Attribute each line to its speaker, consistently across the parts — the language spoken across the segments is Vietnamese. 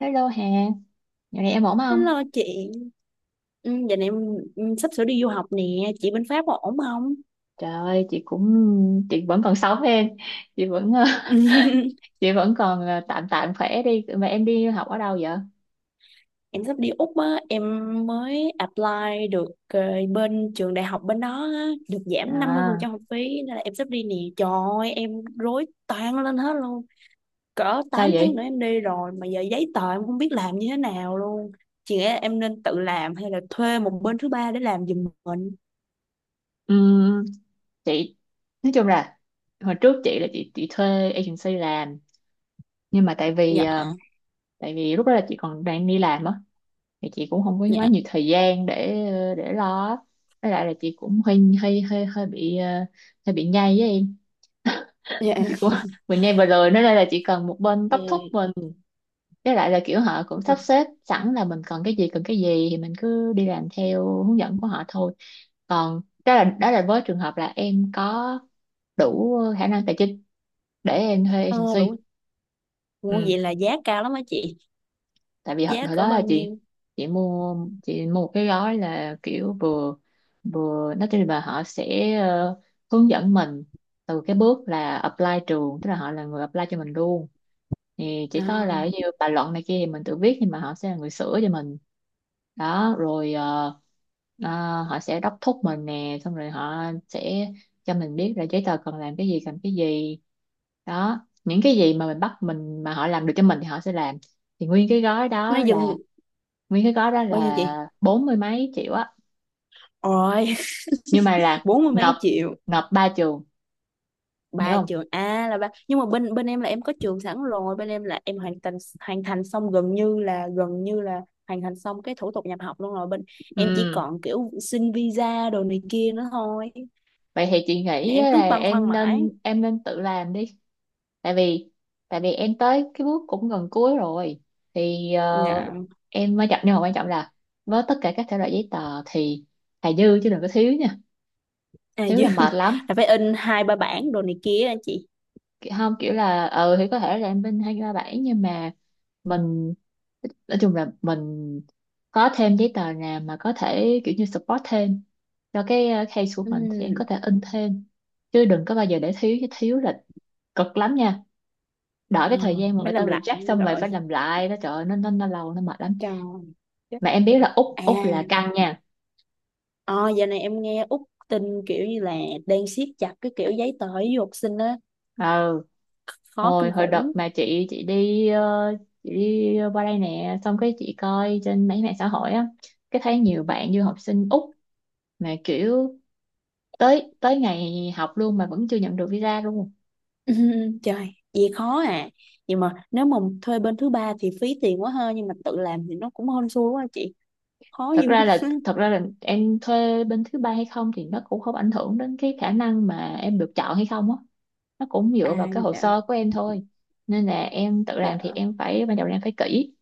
Speaker 1: Hello Hà, dạo này em ổn không?
Speaker 2: Hello chị, ừ, giờ này em sắp sửa đi du học nè, chị bên Pháp có ổn không?
Speaker 1: Trời ơi, chị cũng chị vẫn còn sống em, chị vẫn chị vẫn còn tạm tạm khỏe đi. Mà em đi học ở đâu vậy?
Speaker 2: Em sắp đi Úc á, em mới apply được, bên trường đại học bên đó á, được giảm năm mươi phần
Speaker 1: À,
Speaker 2: trăm học phí nên là em sắp đi nè. Trời ơi, em rối toang lên hết luôn. Cỡ
Speaker 1: sao
Speaker 2: 8 tháng
Speaker 1: vậy?
Speaker 2: nữa em đi rồi mà giờ giấy tờ em không biết làm như thế nào luôn. Chị nghĩ là em nên tự làm hay là thuê một bên thứ ba để làm giùm mình?
Speaker 1: Ừm, chị nói chung là hồi trước chị là chị thuê agency làm, nhưng mà tại vì
Speaker 2: Dạ,
Speaker 1: ờ, tại vì lúc đó là chị còn đang đi làm á, thì chị cũng không có quá
Speaker 2: dạ,
Speaker 1: nhiều thời gian để lo á. Với lại là chị cũng hơi hơi hơi hơi bị ờ, hơi bị nhây với em.
Speaker 2: dạ.
Speaker 1: Chị cũng mình nghe vừa rồi nói đây là chỉ cần một bên
Speaker 2: Ừ.
Speaker 1: đốc thúc mình, với lại là kiểu họ cũng sắp xếp sẵn là mình cần cái gì thì mình cứ đi làm theo hướng dẫn của họ thôi. Còn đó là với trường hợp là em có đủ khả năng tài chính để em thuê
Speaker 2: Ờ,
Speaker 1: agency.
Speaker 2: đúng. Ủa,
Speaker 1: Ừ.
Speaker 2: vậy là giá cao lắm á chị?
Speaker 1: Tại vì hồi,
Speaker 2: Giá
Speaker 1: hồi
Speaker 2: cỡ
Speaker 1: đó
Speaker 2: bao
Speaker 1: là
Speaker 2: nhiêu?
Speaker 1: chị mua chị mua một cái gói là kiểu vừa vừa nói chung là họ sẽ hướng dẫn mình từ cái bước là apply trường, tức là họ là người apply cho mình luôn, thì chỉ
Speaker 2: Ờ,
Speaker 1: có là như bài luận này kia thì mình tự viết nhưng mà họ sẽ là người sửa cho mình. Đó rồi họ sẽ đốc thúc mình nè, xong rồi họ sẽ cho mình biết là giấy tờ cần làm cái gì cần cái gì, đó những cái gì mà mình bắt mình mà họ làm được cho mình thì họ sẽ làm. Thì
Speaker 2: nó dừng.
Speaker 1: nguyên cái gói đó
Speaker 2: Bao nhiêu chị?
Speaker 1: là bốn mươi mấy triệu á,
Speaker 2: Ôi
Speaker 1: nhưng mà là
Speaker 2: bốn mươi
Speaker 1: nộp
Speaker 2: mấy triệu.
Speaker 1: nộp ba trường, hiểu
Speaker 2: Ba
Speaker 1: không.
Speaker 2: trường à? Là ba, nhưng mà bên bên em là em có trường sẵn rồi, bên em là em hoàn thành xong gần như là, hoàn thành xong cái thủ tục nhập học luôn rồi, bên em chỉ
Speaker 1: Ừ,
Speaker 2: còn kiểu xin visa đồ này kia nữa thôi.
Speaker 1: vậy thì chị
Speaker 2: Nè,
Speaker 1: nghĩ
Speaker 2: em
Speaker 1: á
Speaker 2: cứ
Speaker 1: là
Speaker 2: băn khoăn
Speaker 1: em
Speaker 2: mãi.
Speaker 1: nên em nên tự làm đi. Tại vì tại vì em tới cái bước cũng gần cuối rồi, thì
Speaker 2: Dạ.
Speaker 1: em mới chậm, nhưng mà quan trọng là với tất cả các thể loại giấy tờ thì thà dư chứ đừng có thiếu nha,
Speaker 2: À
Speaker 1: thiếu
Speaker 2: chứ
Speaker 1: là mệt lắm.
Speaker 2: là phải in hai ba bản đồ này kia á chị?
Speaker 1: Không kiểu là ừ thì có thể là em bên hai ba bảy nhưng mà mình nói chung là mình có thêm giấy tờ nào mà có thể kiểu như support thêm cho cái case của
Speaker 2: Ừ.
Speaker 1: mình thì em có thể in thêm, chứ đừng có bao giờ để thiếu, chứ thiếu là cực lắm nha. Đợi
Speaker 2: À,
Speaker 1: cái thời gian mà người
Speaker 2: phải
Speaker 1: ta
Speaker 2: làm lại
Speaker 1: reject xong rồi
Speaker 2: rồi,
Speaker 1: phải làm lại đó, trời ơi, nó lâu nó mệt lắm.
Speaker 2: trời. Chết.
Speaker 1: Mà em biết là úc
Speaker 2: À.
Speaker 1: úc là căng nha.
Speaker 2: Ờ, giờ này em nghe Úc tin kiểu như là đang siết chặt cái kiểu giấy tờ với du học sinh á,
Speaker 1: Ừ,
Speaker 2: khó kinh
Speaker 1: hồi hồi đợt
Speaker 2: khủng.
Speaker 1: mà chị đi qua đây nè, xong cái chị coi trên mấy mạng xã hội á, cái thấy nhiều bạn du học sinh úc mà kiểu tới tới ngày học luôn mà vẫn chưa nhận được visa luôn.
Speaker 2: Trời, gì khó à. Nhưng mà nếu mà thuê bên thứ ba thì phí tiền quá ha, nhưng mà tự làm thì nó cũng hên xui quá chị. Khó
Speaker 1: thật
Speaker 2: dữ.
Speaker 1: ra là thật ra là em thuê bên thứ ba hay không thì nó cũng không ảnh hưởng đến cái khả năng mà em được chọn hay không á, nó cũng
Speaker 2: À
Speaker 1: dựa vào cái hồ
Speaker 2: dạ,
Speaker 1: sơ của em thôi. Nên là em tự làm thì
Speaker 2: dạ.
Speaker 1: em phải ban đầu là em phải kỹ,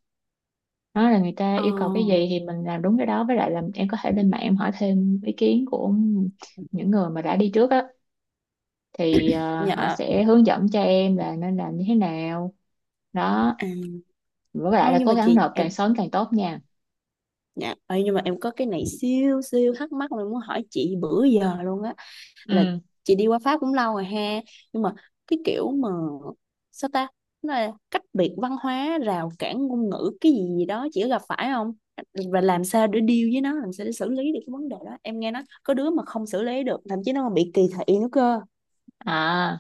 Speaker 1: đó là người ta
Speaker 2: Ờ,
Speaker 1: yêu cầu cái gì thì mình làm đúng cái đó, với lại là em có thể lên mạng em hỏi thêm ý kiến của những người mà đã đi trước á, thì
Speaker 2: dạ.
Speaker 1: họ
Speaker 2: À,
Speaker 1: sẽ hướng dẫn cho em là nên làm như thế nào, đó, với lại
Speaker 2: ờ,
Speaker 1: là
Speaker 2: nhưng
Speaker 1: cố
Speaker 2: mà
Speaker 1: gắng
Speaker 2: chị
Speaker 1: nộp càng
Speaker 2: em
Speaker 1: sớm càng tốt nha.
Speaker 2: Dạ, nhưng mà em có cái này siêu siêu thắc mắc mà em muốn hỏi chị bữa giờ luôn á. Là
Speaker 1: Ừ,
Speaker 2: chị đi qua Pháp cũng lâu rồi ha, nhưng mà cái kiểu mà sao ta, nó là cách biệt văn hóa, rào cản ngôn ngữ cái gì gì đó chị có gặp phải không? Và làm sao để deal với nó, làm sao để xử lý được cái vấn đề đó? Em nghe nói có đứa mà không xử lý được, thậm chí nó còn bị kỳ thị nữa cơ.
Speaker 1: à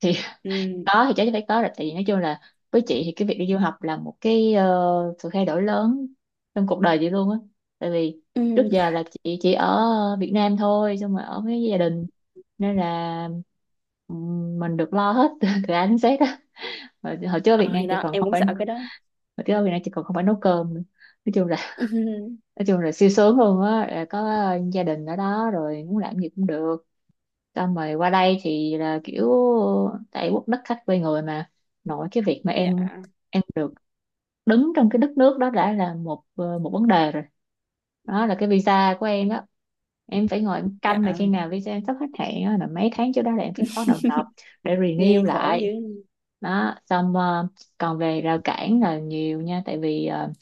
Speaker 1: thì
Speaker 2: Ừ.
Speaker 1: có thì chắc chắn phải có rồi, tại vì nói chung là với chị thì cái việc đi du học là một cái sự thay đổi lớn trong cuộc đời chị luôn á. Tại vì
Speaker 2: Ừ.
Speaker 1: trước giờ là chị chỉ ở Việt Nam thôi, xong rồi ở với gia đình, nên là mình được lo hết từ A đến Z á. Hồi, hồi trước ở Việt
Speaker 2: Ờ,
Speaker 1: Nam
Speaker 2: thì
Speaker 1: chị
Speaker 2: đó
Speaker 1: còn
Speaker 2: em
Speaker 1: không
Speaker 2: cũng
Speaker 1: phải
Speaker 2: sợ cái
Speaker 1: Hồi
Speaker 2: đó.
Speaker 1: trước ở Việt Nam chị còn không phải nấu cơm nữa. nói chung là nói chung là siêu sướng luôn á, là có gia đình ở đó rồi muốn làm gì cũng được, xong rồi qua đây thì là kiểu tại quốc đất khách quê người mà, nội cái việc mà
Speaker 2: Dạ.
Speaker 1: em được đứng trong cái đất nước đó đã là một vấn đề rồi. Đó là cái visa của em đó, em phải ngồi em
Speaker 2: Dạ,
Speaker 1: canh là khi nào visa em sắp hết hạn á, là mấy tháng trước đó là em phải bắt đầu nộp để renew
Speaker 2: nghe khổ
Speaker 1: lại.
Speaker 2: dữ.
Speaker 1: Đó xong còn về rào cản là nhiều nha, tại vì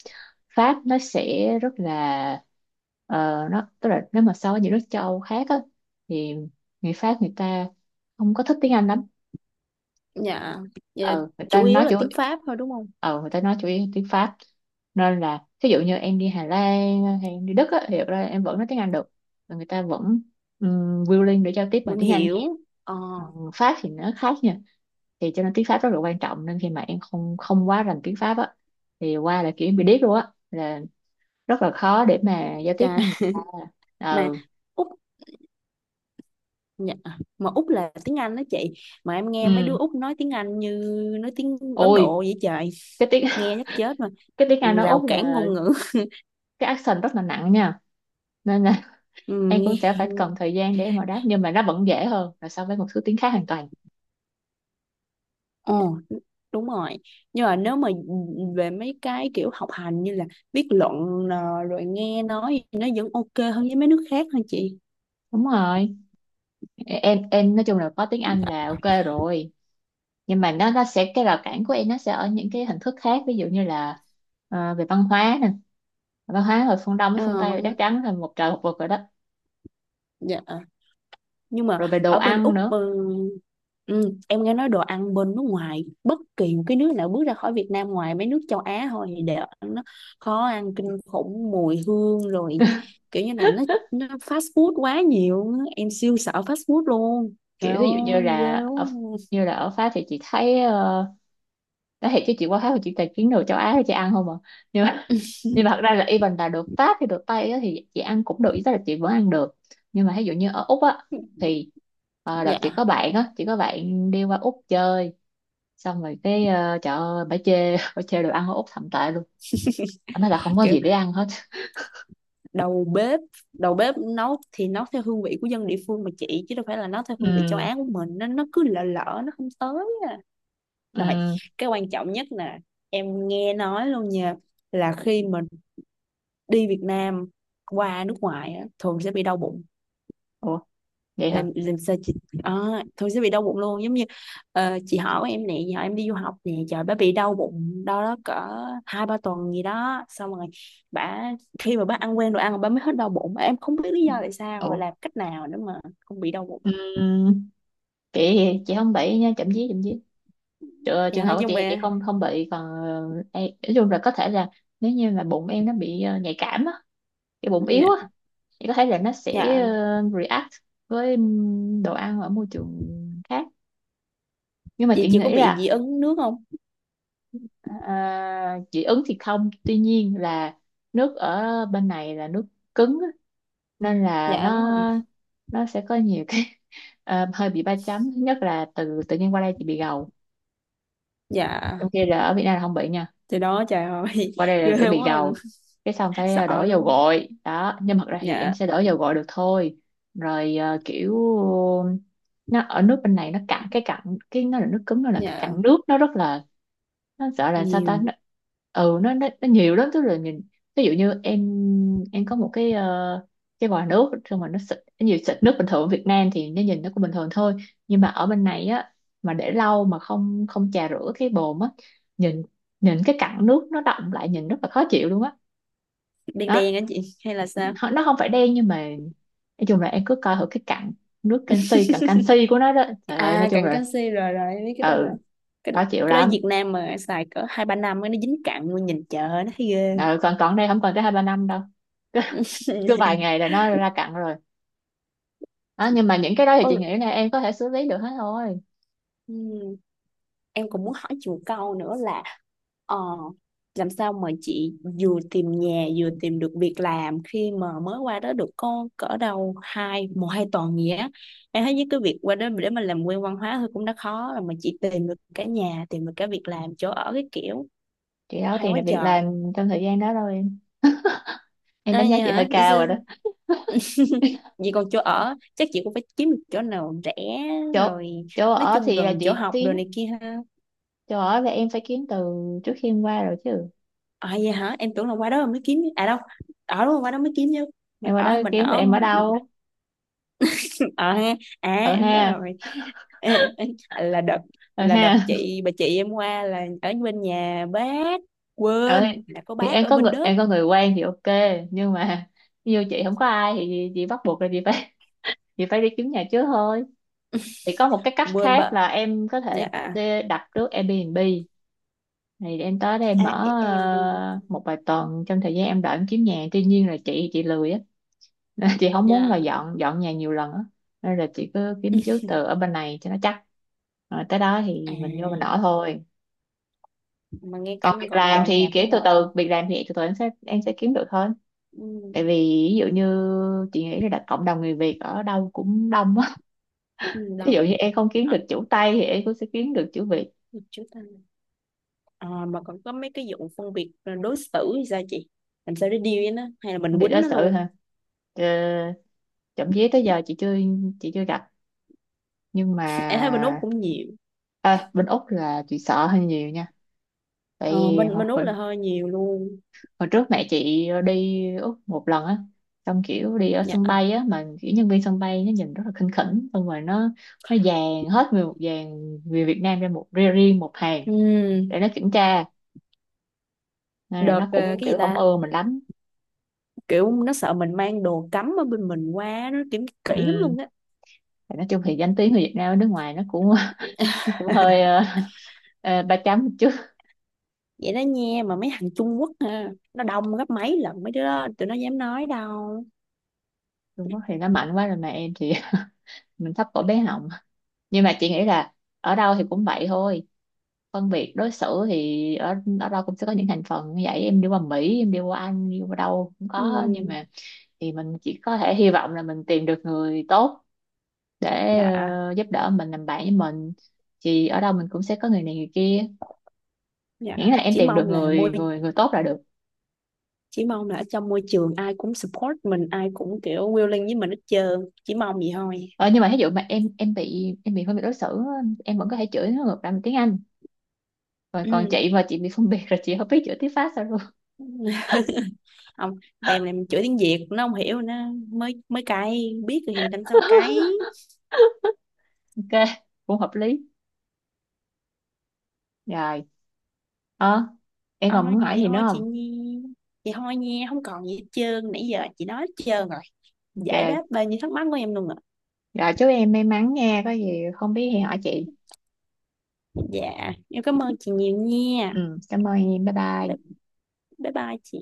Speaker 1: Pháp nó sẽ rất là ờ, nó tức là nếu mà so với những nước châu Âu khác á, thì người Pháp người ta không có thích tiếng Anh lắm.
Speaker 2: Dạ. Vậy là
Speaker 1: ờ người ta
Speaker 2: chủ yếu
Speaker 1: nói
Speaker 2: là
Speaker 1: chủ
Speaker 2: tiếng Pháp thôi đúng không?
Speaker 1: ờ Người ta nói chủ yếu tiếng Pháp, nên là thí dụ như em đi Hà Lan hay em đi Đức á, thì thật ra em vẫn nói tiếng Anh được, và người ta vẫn willing để giao tiếp bằng
Speaker 2: Vẫn
Speaker 1: tiếng Anh.
Speaker 2: hiểu. Ờ.
Speaker 1: Ờ, Pháp thì nó khác nha, thì cho nên tiếng Pháp rất là quan trọng, nên khi mà em không không quá rành tiếng Pháp á, thì qua là kiểu em bị điếc luôn á, là rất là khó để mà giao tiếp
Speaker 2: Chà.
Speaker 1: với người ta.
Speaker 2: Mà
Speaker 1: Ừ,
Speaker 2: Úc. Dạ. Mà Úc là tiếng Anh đó chị. Mà em nghe mấy đứa
Speaker 1: ừ.
Speaker 2: Úc nói tiếng Anh như nói tiếng Ấn
Speaker 1: Ôi
Speaker 2: Độ vậy trời.
Speaker 1: cái tiếng
Speaker 2: Nghe chắc chết mà.
Speaker 1: cái tiếng Anh ở
Speaker 2: Rào
Speaker 1: Úc
Speaker 2: cản
Speaker 1: là
Speaker 2: ngôn ngữ.
Speaker 1: cái accent rất là nặng nha, nên là
Speaker 2: Ừ,
Speaker 1: em cũng
Speaker 2: nghe.
Speaker 1: sẽ phải cần thời gian để em mà đáp, nhưng mà nó vẫn dễ hơn là so với một số tiếng khác hoàn toàn.
Speaker 2: Ồ, đúng rồi. Nhưng mà nếu mà về mấy cái kiểu học hành như là viết luận, rồi nghe nói thì nó vẫn ok hơn với mấy nước khác hả chị?
Speaker 1: Đúng rồi, em nói chung là có tiếng Anh là ok rồi, nhưng mà nó sẽ cái rào cản của em nó sẽ ở những cái hình thức khác, ví dụ như là về văn hóa nè, văn hóa ở phương Đông với phương
Speaker 2: Ờ,
Speaker 1: Tây là
Speaker 2: vâng.
Speaker 1: chắc chắn là một trời một vực rồi đó,
Speaker 2: Dạ, nhưng mà
Speaker 1: rồi về đồ
Speaker 2: ở bên
Speaker 1: ăn
Speaker 2: Úc.
Speaker 1: nữa.
Speaker 2: Ừ. Ừ, em nghe nói đồ ăn bên nước ngoài bất kỳ một cái nước nào bước ra khỏi Việt Nam ngoài mấy nước châu Á thôi thì đều ăn nó khó ăn kinh khủng, mùi hương rồi kiểu như là nó, fast food quá nhiều á. Em siêu sợ fast food luôn, trời
Speaker 1: Kiểu ví dụ như
Speaker 2: ơi
Speaker 1: là
Speaker 2: ghê quá.
Speaker 1: ở Pháp thì chị thấy nói thiệt chứ chị qua Pháp thì chị tài kiếm đồ châu Á thì chị ăn không à, nhưng mà nhưng mà thật ra là even là đồ Pháp hay đồ Tây á, thì chị ăn cũng được ý, tức là chị vẫn ăn được. Nhưng mà ví dụ như ở Úc á thì đợt
Speaker 2: Dạ,
Speaker 1: chị có bạn á chị có bạn đi qua Úc chơi, xong rồi cái trời ơi bả chê bả chê đồ ăn ở Úc thậm tệ luôn, bả nói là không có
Speaker 2: kiểu
Speaker 1: gì để ăn hết.
Speaker 2: đầu bếp, nấu thì nấu theo hương vị của dân địa phương mà chị chứ đâu phải là nấu theo hương vị châu
Speaker 1: Ừ,
Speaker 2: Á của mình nên nó cứ lợ lỡ, nó không tới à.
Speaker 1: ừ.
Speaker 2: Rồi cái quan trọng nhất nè, em nghe nói luôn nha, là khi mà đi Việt Nam qua nước ngoài á, thường sẽ bị đau bụng.
Speaker 1: Ủa, vậy hả?
Speaker 2: Làm sao chị? À, thường sẽ bị đau bụng luôn. Giống như chị họ của em nè, giờ em đi du học nè, trời, bà bị đau bụng, đau đó cỡ 2-3 tuần gì đó, xong rồi bà, khi mà bà ăn quen đồ ăn bà mới hết đau bụng. Em không biết lý do tại sao,
Speaker 1: Ủa.
Speaker 2: làm cách nào nữa mà không bị đau bụng.
Speaker 1: Ừ, chị chị không bậy nha, chậm chí trường
Speaker 2: Dạ,
Speaker 1: hợp của
Speaker 2: nhưng
Speaker 1: chị thì chị
Speaker 2: mà.
Speaker 1: không không bị, còn em, nói chung là có thể là nếu như mà bụng em nó bị nhạy cảm á, cái bụng
Speaker 2: Dạ.
Speaker 1: yếu á, thì có thể là nó sẽ
Speaker 2: Dạ,
Speaker 1: react với đồ ăn ở môi trường khác. Nhưng mà
Speaker 2: vậy
Speaker 1: chị
Speaker 2: chị có
Speaker 1: nghĩ
Speaker 2: bị dị
Speaker 1: là
Speaker 2: ứng nước không?
Speaker 1: à, dị ứng thì không, tuy nhiên là nước ở bên này là nước cứng á, nên là
Speaker 2: Dạ đúng
Speaker 1: nó
Speaker 2: rồi.
Speaker 1: nó sẽ có nhiều cái hơi bị ba chấm. Thứ nhất là từ tự nhiên qua đây chị bị gầu, trong
Speaker 2: Dạ.
Speaker 1: khi là ở Việt Nam là không bị nha,
Speaker 2: Thì đó, trời ơi
Speaker 1: qua đây là phải
Speaker 2: ghê
Speaker 1: bị
Speaker 2: quá.
Speaker 1: gầu, cái xong phải
Speaker 2: Sợ
Speaker 1: đổ dầu
Speaker 2: luôn.
Speaker 1: gội đó, nhưng mà thật ra thì em
Speaker 2: Dạ.
Speaker 1: sẽ đổ dầu gội được thôi. Rồi kiểu nó ở nước bên này nó cạn cái cặn, cái nó là nước cứng nó là cái
Speaker 2: Dạ.
Speaker 1: cặn nước nó rất là, nó sợ là sao ta,
Speaker 2: Nhiều.
Speaker 1: nó, ừ nó, nó nhiều lắm, tức là nhìn, ví dụ như em có một cái vòi nước, xong mà nó xịt nhiều, xịt nước bình thường ở Việt Nam thì nó nhìn nó cũng bình thường thôi, nhưng mà ở bên này á, mà để lâu mà không không chà rửa cái bồn á, nhìn nhìn cái cặn nước nó đọng lại nhìn rất là khó chịu luôn á.
Speaker 2: Đen
Speaker 1: Đó.
Speaker 2: đen á chị hay là sao?
Speaker 1: Nó không phải đen nhưng mà nói chung là em cứ coi thử cái cặn nước canxi, cặn canxi của nó đó, trời ơi nói
Speaker 2: À
Speaker 1: chung
Speaker 2: cặn
Speaker 1: là
Speaker 2: canxi, rồi rồi em biết cái đó
Speaker 1: ừ
Speaker 2: rồi. cái,
Speaker 1: khó chịu
Speaker 2: cái đó Việt
Speaker 1: lắm.
Speaker 2: Nam mà xài cỡ 2-3 năm á, nó dính cặn luôn, nhìn chợ nó thấy ghê.
Speaker 1: Ừ, còn còn đây không còn tới 2-3 năm đâu, cứ vài ngày là nó ra cặn rồi. Đó, nhưng mà những cái đó thì chị
Speaker 2: Ôi,
Speaker 1: nghĩ là em có thể xử lý được hết thôi.
Speaker 2: ừ. Em cũng muốn hỏi chị một câu nữa là ờ, làm sao mà chị vừa tìm nhà vừa tìm được việc làm khi mà mới qua đó được có cỡ đâu hai một hai tuần gì á? Em thấy với cái việc qua đó để mà làm quen văn hóa thôi cũng đã khó rồi mà chị tìm được cả nhà, tìm được cả việc làm chỗ ở cái kiểu.
Speaker 1: Chị đâu có
Speaker 2: Hay
Speaker 1: tìm
Speaker 2: quá
Speaker 1: được việc
Speaker 2: trời.
Speaker 1: làm trong thời gian đó đâu em
Speaker 2: À,
Speaker 1: đánh giá
Speaker 2: vậy
Speaker 1: chị
Speaker 2: hả?
Speaker 1: hơi cao rồi đó.
Speaker 2: Vậy còn chỗ ở chắc chị cũng phải kiếm được chỗ nào rẻ
Speaker 1: chỗ
Speaker 2: rồi,
Speaker 1: chỗ
Speaker 2: nói
Speaker 1: ở
Speaker 2: chung
Speaker 1: thì là
Speaker 2: gần chỗ
Speaker 1: chị
Speaker 2: học
Speaker 1: kiếm,
Speaker 2: rồi này kia ha.
Speaker 1: chỗ ở là em phải kiếm từ trước khi em qua rồi chứ,
Speaker 2: À vậy hả? Em tưởng là qua đó mới kiếm à đâu. Ở đúng qua đó mới kiếm chứ.
Speaker 1: em
Speaker 2: Mình
Speaker 1: qua đó
Speaker 2: ở mình
Speaker 1: kiếm thì
Speaker 2: ở
Speaker 1: em ở đâu.
Speaker 2: Ờ ha. À
Speaker 1: Ở
Speaker 2: em nhớ
Speaker 1: ha,
Speaker 2: rồi. Ê, ê, là đợt
Speaker 1: ở
Speaker 2: là đợt
Speaker 1: ha.
Speaker 2: chị, bà chị em qua là ở bên nhà bác.
Speaker 1: Ở
Speaker 2: Quên là có
Speaker 1: thì
Speaker 2: bác
Speaker 1: em
Speaker 2: ở
Speaker 1: có
Speaker 2: bên
Speaker 1: người
Speaker 2: Đức.
Speaker 1: em có người quen thì ok, nhưng mà như chị không có ai thì chị bắt buộc là chị phải chị phải đi kiếm nhà trước thôi. Thì có một cái cách
Speaker 2: Quên
Speaker 1: khác
Speaker 2: bà.
Speaker 1: là em có thể
Speaker 2: Dạ. À
Speaker 1: đi đặt trước Airbnb, thì em tới đây em mở
Speaker 2: em đi.
Speaker 1: một vài tuần trong thời gian em đợi em kiếm nhà, tuy nhiên là chị lười á, nên chị không muốn là
Speaker 2: Dạ.
Speaker 1: dọn dọn nhà nhiều lần á, nên là chị cứ kiếm trước từ ở bên này cho nó chắc, rồi tới đó
Speaker 2: À,
Speaker 1: thì mình vô mình ở thôi.
Speaker 2: mà nghe
Speaker 1: Còn
Speaker 2: cảnh gọn dọn nhà cũng mệt. Ừ.
Speaker 1: việc làm thì từ từ em sẽ kiếm được thôi, tại vì ví dụ như chị nghĩ là đặt cộng đồng người Việt ở đâu cũng đông á,
Speaker 2: Ừ,
Speaker 1: ví dụ
Speaker 2: đồng.
Speaker 1: như em không kiếm
Speaker 2: Hả?
Speaker 1: được chữ Tây thì em cũng sẽ kiếm được chữ Việt.
Speaker 2: Chú ta. À, mà còn có mấy cái vụ phân biệt đối xử thì sao chị? Làm sao để deal với nó, hay là mình
Speaker 1: Việt
Speaker 2: quýnh
Speaker 1: đó
Speaker 2: nó
Speaker 1: sự
Speaker 2: luôn?
Speaker 1: hả. Ờ, Trộm vía tới giờ chị chưa gặp, nhưng
Speaker 2: Em thấy bên
Speaker 1: mà
Speaker 2: Úc cũng nhiều.
Speaker 1: à, bên Úc là chị sợ hơi nhiều nha, tại
Speaker 2: Ờ,
Speaker 1: vì
Speaker 2: bên
Speaker 1: hồi,
Speaker 2: bên Úc
Speaker 1: hồi
Speaker 2: là hơi nhiều luôn.
Speaker 1: hồi trước mẹ chị đi Úc một lần á, xong kiểu đi ở
Speaker 2: Dạ.
Speaker 1: sân bay á mà kiểu nhân viên sân bay nó nhìn rất là khinh khỉnh, xong rồi nó dàn hết người một dàn, người Việt Nam ra một, riêng riêng một hàng
Speaker 2: Ừ,
Speaker 1: để nó kiểm tra, nên là
Speaker 2: đợt
Speaker 1: nó cũng
Speaker 2: cái gì
Speaker 1: kiểu không
Speaker 2: ta,
Speaker 1: ưa mình lắm.
Speaker 2: kiểu nó sợ mình mang đồ cấm ở bên mình qua nó kiểm kỹ lắm
Speaker 1: Ừ.
Speaker 2: luôn á.
Speaker 1: Thì nói chung thì danh tiếng người Việt Nam ở nước ngoài nó cũng nó cũng hơi ba chấm một chút.
Speaker 2: Vậy đó nha, mà mấy thằng Trung Quốc hả, nó đông gấp mấy lần mấy đứa đó tụi nó dám nói đâu.
Speaker 1: Trung Quốc thì nó mạnh quá rồi mà em thì mình thấp cổ bé họng. Nhưng mà chị nghĩ là ở đâu thì cũng vậy thôi, phân biệt đối xử thì ở ở đâu cũng sẽ có những thành phần như vậy, em đi qua Mỹ em đi qua Anh đi qua đâu cũng có, nhưng
Speaker 2: Ừ.
Speaker 1: mà thì mình chỉ có thể hy vọng là mình tìm được người tốt để
Speaker 2: Dạ.
Speaker 1: giúp đỡ mình, làm bạn với mình, thì ở đâu mình cũng sẽ có người này người kia, miễn
Speaker 2: Dạ.
Speaker 1: là em
Speaker 2: chỉ
Speaker 1: tìm được
Speaker 2: mong là
Speaker 1: người
Speaker 2: môi
Speaker 1: người người tốt là được.
Speaker 2: chỉ mong là ở trong môi trường ai cũng support mình, ai cũng kiểu willing với mình hết trơn, chỉ mong vậy thôi.
Speaker 1: Ờ, nhưng mà ví dụ mà em bị phân biệt đối xử á, em vẫn có thể chửi nó ngược lại bằng tiếng Anh, rồi còn chị mà chị bị phân biệt rồi chị không biết chửi tiếng Pháp sao luôn.
Speaker 2: Ừ. Không, bèm này mình chửi tiếng Việt nó không hiểu, nó mới mới cay, biết rồi thì đánh sao cái.
Speaker 1: Ok, cũng hợp lý rồi. Ờ, em
Speaker 2: Ờ,
Speaker 1: còn muốn hỏi
Speaker 2: vậy
Speaker 1: gì nữa
Speaker 2: thôi chị
Speaker 1: không?
Speaker 2: Nhi. Vậy thôi nha, không còn gì hết trơn, nãy giờ chị nói hết trơn rồi, giải đáp
Speaker 1: Ok,
Speaker 2: bao nhiêu thắc mắc của em luôn rồi.
Speaker 1: rồi chúc em may mắn nha, có gì không biết thì hỏi chị.
Speaker 2: Dạ em cảm ơn chị nhiều nha.
Speaker 1: Ừ, cảm ơn em, bye
Speaker 2: Bye,
Speaker 1: bye.
Speaker 2: bye bye chị.